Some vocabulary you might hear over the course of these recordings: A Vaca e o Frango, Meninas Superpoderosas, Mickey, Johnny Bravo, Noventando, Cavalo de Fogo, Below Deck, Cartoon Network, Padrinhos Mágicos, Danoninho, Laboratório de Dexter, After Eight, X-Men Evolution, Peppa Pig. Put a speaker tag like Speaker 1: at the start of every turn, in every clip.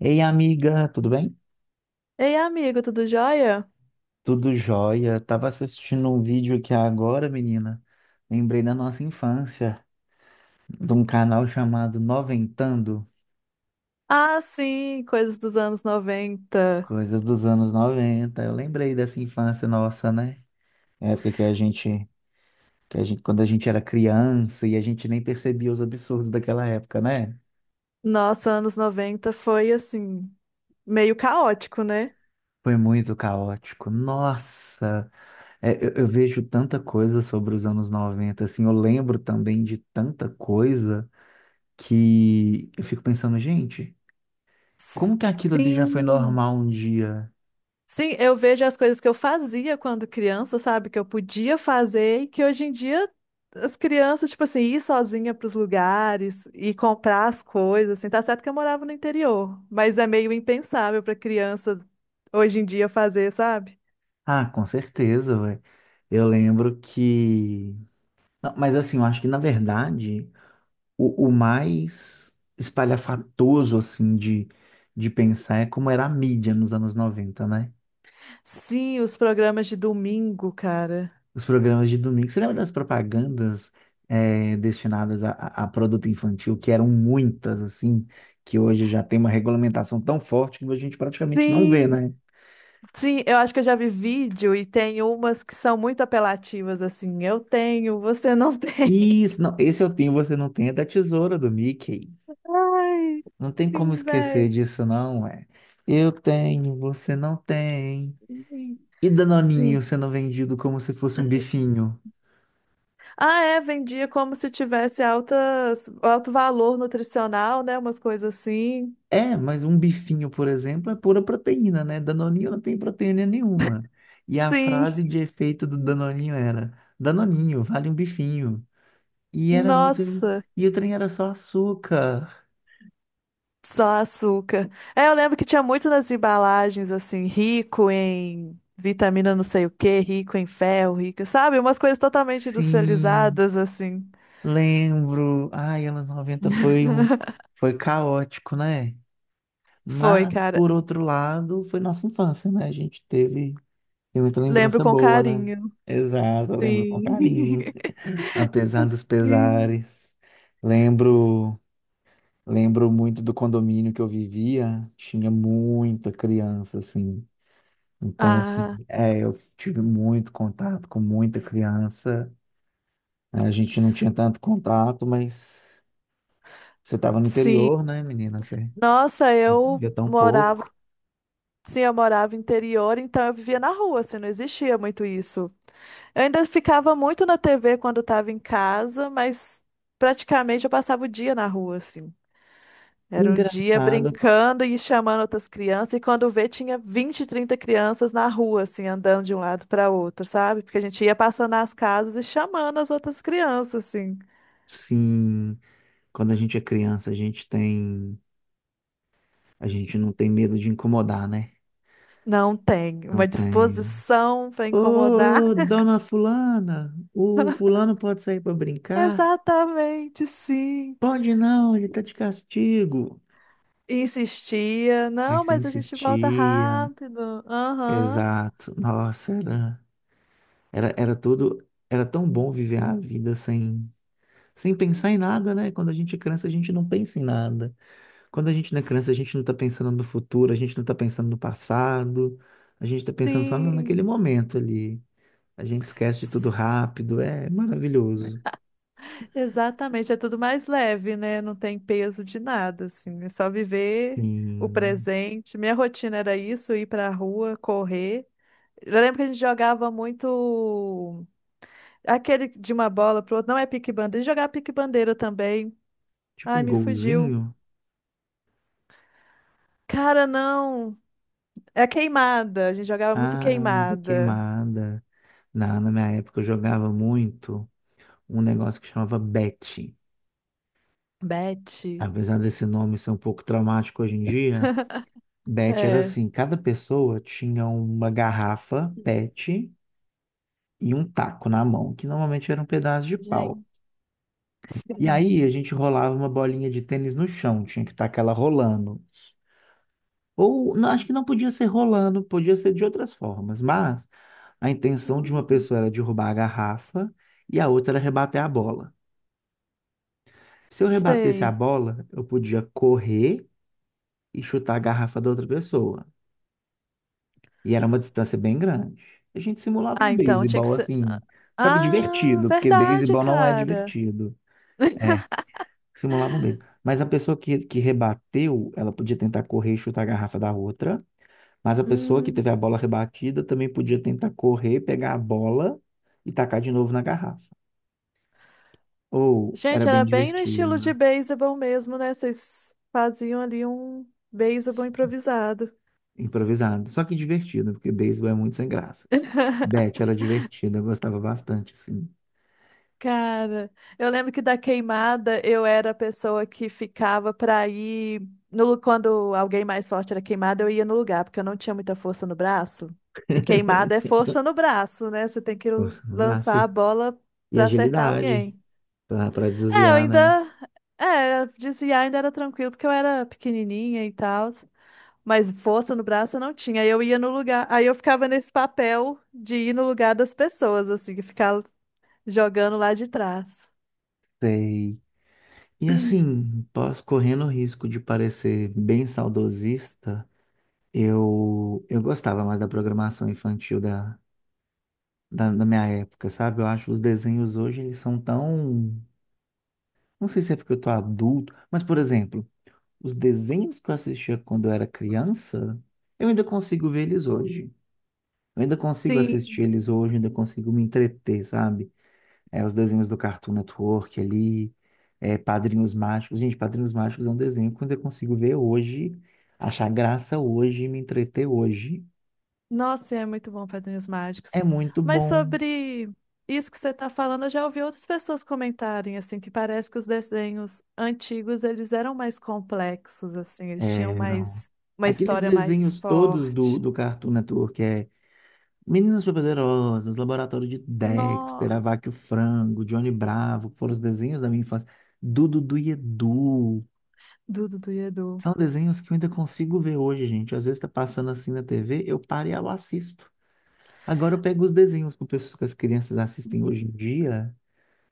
Speaker 1: Ei, amiga, tudo bem?
Speaker 2: Ei, amigo, tudo jóia?
Speaker 1: Tudo jóia. Tava assistindo um vídeo aqui agora, menina. Lembrei da nossa infância, de um canal chamado Noventando,
Speaker 2: Ah, sim, coisas dos anos noventa.
Speaker 1: coisas dos anos 90. Eu lembrei dessa infância nossa, né? Época que a gente, quando a gente era criança e a gente nem percebia os absurdos daquela época, né?
Speaker 2: Nossa, anos noventa foi assim, meio caótico, né?
Speaker 1: Foi muito caótico. Nossa, é, eu vejo tanta coisa sobre os anos 90, assim, eu lembro também de tanta coisa que eu fico pensando, gente, como que aquilo ali já foi
Speaker 2: Sim.
Speaker 1: normal um dia?
Speaker 2: Sim, eu vejo as coisas que eu fazia quando criança, sabe? Que eu podia fazer e que hoje em dia as crianças, tipo assim, ir sozinha para os lugares e comprar as coisas, assim, tá certo que eu morava no interior, mas é meio impensável para criança hoje em dia fazer, sabe?
Speaker 1: Ah, com certeza, ué. Eu lembro que. Não, mas assim, eu acho que na verdade, o mais espalhafatoso, assim, de pensar é como era a mídia nos anos 90, né?
Speaker 2: Sim, os programas de domingo, cara.
Speaker 1: Os programas de domingo. Você lembra das propagandas destinadas a, a produto infantil, que eram muitas, assim, que hoje já tem uma regulamentação tão forte que a gente praticamente não vê,
Speaker 2: Sim,
Speaker 1: né?
Speaker 2: sim, eu acho que eu já vi vídeo e tem umas que são muito apelativas, assim, eu tenho, você não tem.
Speaker 1: Isso, não, esse eu tenho, você não tem, é da tesoura do Mickey.
Speaker 2: Ai,
Speaker 1: Não tem como
Speaker 2: sim,
Speaker 1: esquecer
Speaker 2: velho.
Speaker 1: disso, não, é. Eu tenho, você não tem. E
Speaker 2: Sim.
Speaker 1: Danoninho sendo vendido como se fosse um bifinho.
Speaker 2: Ah, é, vendia como se tivesse altas, alto valor nutricional, né? Umas coisas assim.
Speaker 1: É, mas um bifinho, por exemplo, é pura proteína, né? Danoninho não tem proteína nenhuma. E a
Speaker 2: Sim.
Speaker 1: frase de efeito do Danoninho era: Danoninho, vale um bifinho. E era muito.
Speaker 2: Nossa,
Speaker 1: E o trem era só açúcar.
Speaker 2: só açúcar. É, eu lembro que tinha muito nas embalagens, assim, rico em vitamina não sei o quê, rico em ferro, rico, sabe? Umas coisas totalmente
Speaker 1: Sim.
Speaker 2: industrializadas, assim.
Speaker 1: Lembro, ai, anos 90 foi um foi caótico, né?
Speaker 2: Foi,
Speaker 1: Mas
Speaker 2: cara.
Speaker 1: por outro lado, foi nossa infância, né? A gente teve, tem muita
Speaker 2: Lembro
Speaker 1: lembrança
Speaker 2: com
Speaker 1: boa, né?
Speaker 2: carinho.
Speaker 1: Exato, eu lembro com
Speaker 2: Sim.
Speaker 1: carinho, apesar dos
Speaker 2: Sim.
Speaker 1: pesares. Lembro, lembro muito do condomínio que eu vivia, tinha muita criança assim. Então, assim,
Speaker 2: Ah,
Speaker 1: é, eu tive muito contato com muita criança, né? A gente não tinha tanto contato, mas você estava no interior,
Speaker 2: sim.
Speaker 1: né, menina? Você
Speaker 2: Nossa, eu
Speaker 1: vivia tão
Speaker 2: morava.
Speaker 1: pouco.
Speaker 2: Sim, eu morava interior, então eu vivia na rua, assim, não existia muito isso. Eu ainda ficava muito na TV quando estava em casa, mas praticamente eu passava o dia na rua, assim. Era o dia
Speaker 1: Engraçado.
Speaker 2: brincando e chamando outras crianças, e quando vê, tinha 20 30 crianças na rua, assim, andando de um lado para outro, sabe? Porque a gente ia passando nas casas e chamando as outras crianças, assim.
Speaker 1: Sim, quando a gente é criança, a gente tem, a gente não tem medo de incomodar, né?
Speaker 2: Não tem
Speaker 1: Não
Speaker 2: uma
Speaker 1: tem.
Speaker 2: disposição para incomodar.
Speaker 1: Ô, dona fulana, o fulano pode sair para brincar?
Speaker 2: Exatamente, sim.
Speaker 1: Pode não, ele tá de castigo.
Speaker 2: E insistia,
Speaker 1: Aí
Speaker 2: não,
Speaker 1: você
Speaker 2: mas a gente volta
Speaker 1: insistia.
Speaker 2: rápido. Aham,
Speaker 1: Exato. Nossa, era, era, era tudo, era tão bom viver a vida sem, sem pensar em nada, né? Quando a gente é criança, a gente não pensa em nada. Quando a gente não é criança, a gente não está pensando no futuro, a gente não está pensando no passado, a gente está pensando só naquele
Speaker 2: sim.
Speaker 1: momento ali. A gente esquece de tudo rápido, é maravilhoso.
Speaker 2: Exatamente, é tudo mais leve, né? Não tem peso de nada, assim. É só viver o
Speaker 1: Sim,
Speaker 2: presente. Minha rotina era isso, ir pra rua, correr. Eu lembro que a gente jogava muito aquele de uma bola pro outro, não é pique-bandeira, a gente jogava pique-bandeira também.
Speaker 1: tipo
Speaker 2: Ai,
Speaker 1: um
Speaker 2: me fugiu.
Speaker 1: golzinho.
Speaker 2: Cara, não. É queimada, a gente jogava muito
Speaker 1: Ah, muita
Speaker 2: queimada.
Speaker 1: queimada. Na minha época eu jogava muito um negócio que chamava Bet.
Speaker 2: Bet.
Speaker 1: Apesar desse nome ser um pouco traumático hoje em dia, Bet era
Speaker 2: É,
Speaker 1: assim, cada pessoa tinha uma garrafa PET e um taco na mão, que normalmente era um pedaço de pau.
Speaker 2: gente.
Speaker 1: E aí
Speaker 2: Sim.
Speaker 1: a gente rolava uma bolinha de tênis no chão, tinha que estar aquela rolando. Ou não, acho que não podia ser rolando, podia ser de outras formas, mas a intenção de uma
Speaker 2: Hum.
Speaker 1: pessoa era derrubar a garrafa e a outra era rebater a bola. Se eu rebatesse a
Speaker 2: Sei.
Speaker 1: bola, eu podia correr e chutar a garrafa da outra pessoa. E era uma distância bem grande. A gente simulava um
Speaker 2: Ah, então tinha que
Speaker 1: beisebol
Speaker 2: ser.
Speaker 1: assim, só que
Speaker 2: Ah,
Speaker 1: divertido, porque
Speaker 2: verdade,
Speaker 1: beisebol não é
Speaker 2: cara.
Speaker 1: divertido. É, simulava um beijo. Mas a pessoa que rebateu, ela podia tentar correr e chutar a garrafa da outra. Mas a pessoa que teve a
Speaker 2: Hum.
Speaker 1: bola rebatida também podia tentar correr, pegar a bola e tacar de novo na garrafa. Ou era
Speaker 2: Gente,
Speaker 1: bem
Speaker 2: era bem no estilo de
Speaker 1: divertido,
Speaker 2: beisebol mesmo, né? Vocês faziam ali um beisebol improvisado.
Speaker 1: improvisado. Só que divertido, porque beisebol é muito sem graça. Bet era divertido, eu gostava bastante, assim.
Speaker 2: Cara, eu lembro que da queimada eu era a pessoa que ficava pra ir no, lu- quando alguém mais forte era queimada, eu ia no lugar, porque eu não tinha muita força no braço. E queimada é força no braço, né? Você tem que
Speaker 1: Força no braço
Speaker 2: lançar a bola
Speaker 1: e
Speaker 2: pra acertar
Speaker 1: agilidade
Speaker 2: alguém.
Speaker 1: para
Speaker 2: É, eu
Speaker 1: desviar, né?
Speaker 2: ainda. É, desviar ainda era tranquilo, porque eu era pequenininha e tal. Mas força no braço eu não tinha. Aí eu ia no lugar. Aí eu ficava nesse papel de ir no lugar das pessoas, assim, ficar jogando lá de trás.
Speaker 1: Sei. E assim, posso correndo o risco de parecer bem saudosista, eu gostava mais da programação infantil da, da minha época, sabe? Eu acho que os desenhos hoje eles são tão. Não sei se é porque eu tô adulto, mas, por exemplo, os desenhos que eu assistia quando eu era criança, eu ainda consigo ver eles hoje. Eu ainda consigo assistir
Speaker 2: Sim.
Speaker 1: eles hoje, ainda consigo me entreter, sabe? É, os desenhos do Cartoon Network ali, é, Padrinhos Mágicos. Gente, Padrinhos Mágicos é um desenho que eu ainda consigo ver hoje, achar graça hoje, me entreter hoje.
Speaker 2: Nossa, é muito bom Padrinhos Mágicos.
Speaker 1: É muito
Speaker 2: Mas
Speaker 1: bom.
Speaker 2: sobre isso que você está falando, eu já ouvi outras pessoas comentarem, assim, que parece que os desenhos antigos, eles eram mais complexos, assim, eles tinham
Speaker 1: Eram
Speaker 2: mais. Uma
Speaker 1: aqueles
Speaker 2: história mais
Speaker 1: desenhos todos
Speaker 2: forte.
Speaker 1: do Cartoon Network, é, Meninas Superpoderosas, Laboratório de Dexter, A
Speaker 2: Nossa.
Speaker 1: Vaca e o Frango, Johnny Bravo, que foram os desenhos da minha infância. Dudu Dudu e Edu.
Speaker 2: Do Dudu e Edu.
Speaker 1: São desenhos que eu ainda consigo ver hoje, gente. Às vezes tá passando assim na TV, eu paro e eu assisto. Agora eu pego os desenhos que que as crianças assistem hoje em dia,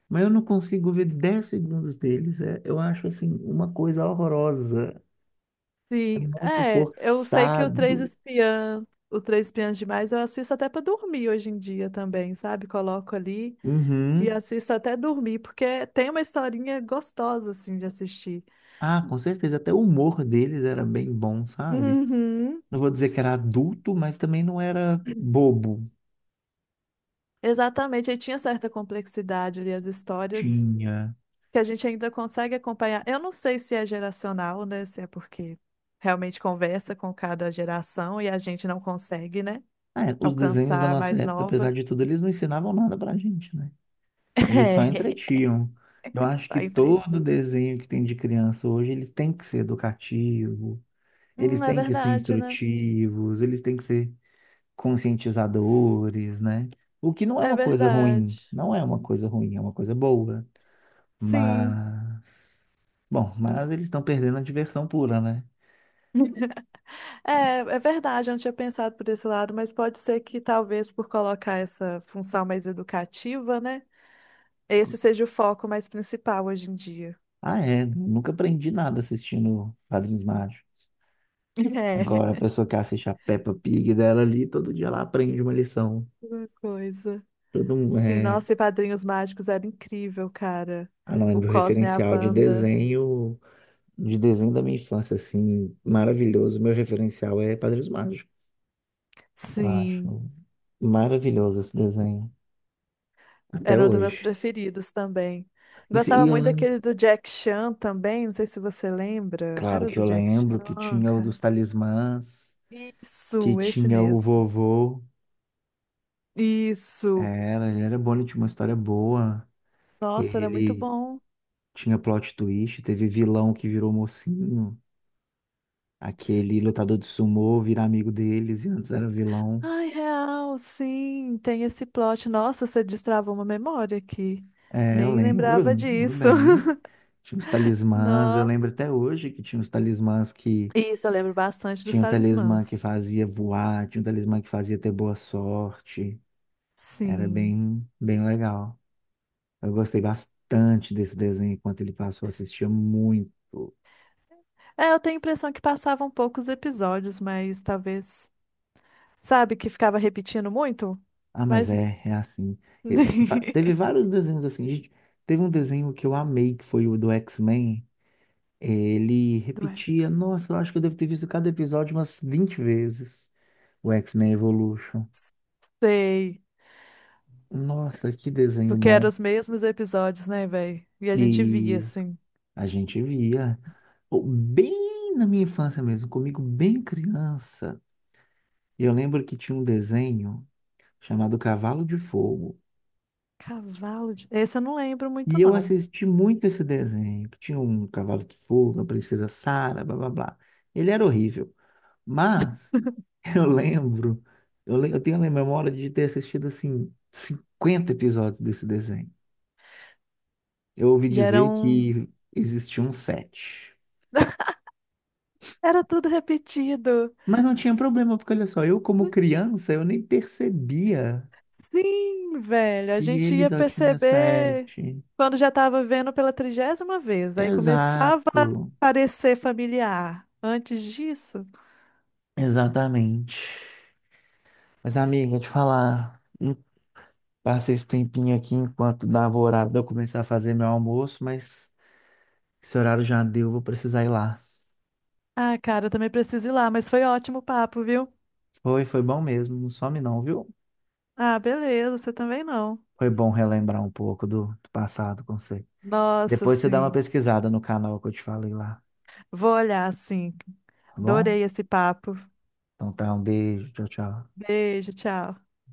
Speaker 1: mas eu não consigo ver 10 segundos deles. É, eu acho assim uma coisa horrorosa. É
Speaker 2: Sim,
Speaker 1: muito
Speaker 2: é, eu sei que
Speaker 1: forçado.
Speaker 2: O Três Espiãs Demais, eu assisto até pra dormir hoje em dia também, sabe? Coloco ali e
Speaker 1: Uhum.
Speaker 2: assisto até dormir, porque tem uma historinha gostosa, assim, de assistir.
Speaker 1: Ah, com certeza. Até o humor deles era bem bom, sabe?
Speaker 2: Uhum.
Speaker 1: Não vou dizer que era adulto, mas também não era bobo.
Speaker 2: Exatamente, aí tinha certa complexidade ali as histórias
Speaker 1: Tinha.
Speaker 2: que a gente ainda consegue acompanhar. Eu não sei se é geracional, né? Se é porque realmente conversa com cada geração e a gente não consegue, né?
Speaker 1: Ah, é, os desenhos da
Speaker 2: Alcançar a
Speaker 1: nossa
Speaker 2: mais
Speaker 1: época, apesar
Speaker 2: nova.
Speaker 1: de tudo, eles não ensinavam nada pra gente, né? Eles só entretinham. Eu acho que
Speaker 2: Aí entrei.
Speaker 1: todo desenho que tem de criança hoje, eles têm que ser educativo, eles
Speaker 2: É
Speaker 1: têm que ser
Speaker 2: verdade, né?
Speaker 1: instrutivos, eles têm que ser conscientizadores, né? O que não é
Speaker 2: É
Speaker 1: uma coisa ruim,
Speaker 2: verdade.
Speaker 1: não é uma coisa ruim, é uma coisa boa.
Speaker 2: Sim.
Speaker 1: Mas, bom, mas eles estão perdendo a diversão pura, né?
Speaker 2: É, verdade, eu não tinha pensado por esse lado, mas pode ser que talvez por colocar essa função mais educativa, né? Esse seja o foco mais principal hoje em dia.
Speaker 1: Ah, é, nunca aprendi nada assistindo Padrinhos Mágicos. Agora, a pessoa que assiste a Peppa Pig dela ali, todo dia ela aprende uma lição.
Speaker 2: É, uma coisa.
Speaker 1: Todo mundo,
Speaker 2: Sim, nossa, e Padrinhos Mágicos era incrível, cara.
Speaker 1: ah, não, é
Speaker 2: O
Speaker 1: meu
Speaker 2: Cosme e a
Speaker 1: referencial
Speaker 2: Wanda.
Speaker 1: de desenho da minha infância, assim, maravilhoso. Meu referencial é Padrinhos Mágicos. Eu
Speaker 2: Sim.
Speaker 1: acho maravilhoso esse desenho, até
Speaker 2: Era um dos meus
Speaker 1: hoje.
Speaker 2: preferidos também.
Speaker 1: E, se- e
Speaker 2: Gostava
Speaker 1: eu
Speaker 2: muito
Speaker 1: lembro,
Speaker 2: daquele do Jack Chan também, não sei se você lembra.
Speaker 1: claro
Speaker 2: Era
Speaker 1: que
Speaker 2: do
Speaker 1: eu
Speaker 2: Jack
Speaker 1: lembro que
Speaker 2: Chan,
Speaker 1: tinha o
Speaker 2: cara.
Speaker 1: dos talismãs, que
Speaker 2: Isso, esse
Speaker 1: tinha o
Speaker 2: mesmo.
Speaker 1: vovô.
Speaker 2: Isso.
Speaker 1: Era, ele era bom, ele tinha uma história boa.
Speaker 2: Nossa, era muito
Speaker 1: Ele
Speaker 2: bom.
Speaker 1: tinha plot twist, teve vilão que virou mocinho, aquele lutador de sumô virar amigo deles, e antes era vilão.
Speaker 2: Ai, real, sim, tem esse plot. Nossa, você destravou uma memória aqui.
Speaker 1: É, eu
Speaker 2: Nem
Speaker 1: lembro,
Speaker 2: lembrava
Speaker 1: lembro
Speaker 2: disso.
Speaker 1: bem. Tinha os talismãs, eu
Speaker 2: Nó.
Speaker 1: lembro até hoje que tinha os talismãs, que
Speaker 2: Isso, eu lembro bastante dos
Speaker 1: tinha um talismã que
Speaker 2: talismãs.
Speaker 1: fazia voar, tinha um talismã que fazia ter boa sorte. Era
Speaker 2: Sim.
Speaker 1: bem, bem legal. Eu gostei bastante desse desenho enquanto ele passou, eu assistia muito.
Speaker 2: É, eu tenho a impressão que passavam poucos episódios, mas talvez. Sabe que ficava repetindo muito?
Speaker 1: Ah, mas
Speaker 2: Mas.
Speaker 1: é, é assim. E teve vários desenhos assim, gente. Teve um desenho que eu amei, que foi o do X-Men. Ele
Speaker 2: Ué.
Speaker 1: repetia, nossa, eu acho que eu devo ter visto cada episódio umas 20 vezes. O X-Men Evolution.
Speaker 2: Sei.
Speaker 1: Nossa, que desenho
Speaker 2: Porque eram
Speaker 1: bom.
Speaker 2: os mesmos episódios, né, velho? E a gente via,
Speaker 1: E
Speaker 2: assim.
Speaker 1: a gente via oh, bem na minha infância mesmo, comigo bem criança. E eu lembro que tinha um desenho chamado Cavalo de Fogo.
Speaker 2: Cavalo de. Esse eu não lembro muito,
Speaker 1: E eu
Speaker 2: não.
Speaker 1: assisti muito esse desenho, que tinha um cavalo de fogo, a princesa Sara, blá blá blá. Ele era horrível, mas eu lembro, eu tenho a memória de ter assistido assim 50 episódios desse desenho. Eu ouvi
Speaker 2: E
Speaker 1: dizer
Speaker 2: eram.
Speaker 1: que existia um sete.
Speaker 2: Era tudo repetido.
Speaker 1: Mas não tinha
Speaker 2: S-
Speaker 1: problema, porque olha só, eu como
Speaker 2: Putz,
Speaker 1: criança, eu nem percebia
Speaker 2: sim, velho. A
Speaker 1: que
Speaker 2: gente
Speaker 1: ele
Speaker 2: ia
Speaker 1: só tinha
Speaker 2: perceber
Speaker 1: sete.
Speaker 2: quando já estava vendo pela 30ª vez. Aí começava a
Speaker 1: Exato,
Speaker 2: parecer familiar. Antes disso.
Speaker 1: exatamente. Mas amiga, te falar, eu passei esse tempinho aqui enquanto dava o horário de eu começar a fazer meu almoço, mas esse horário já deu, vou precisar ir lá.
Speaker 2: Ah, cara, eu também preciso ir lá, mas foi ótimo o papo, viu?
Speaker 1: Foi, foi bom mesmo, não some não, viu?
Speaker 2: Ah, beleza, você também não.
Speaker 1: Foi bom relembrar um pouco do passado com você.
Speaker 2: Nossa,
Speaker 1: Depois você dá uma
Speaker 2: sim.
Speaker 1: pesquisada no canal que eu te falei lá.
Speaker 2: Vou olhar, sim.
Speaker 1: Tá bom?
Speaker 2: Adorei esse papo.
Speaker 1: Então tá, um beijo. Tchau, tchau.
Speaker 2: Beijo, tchau.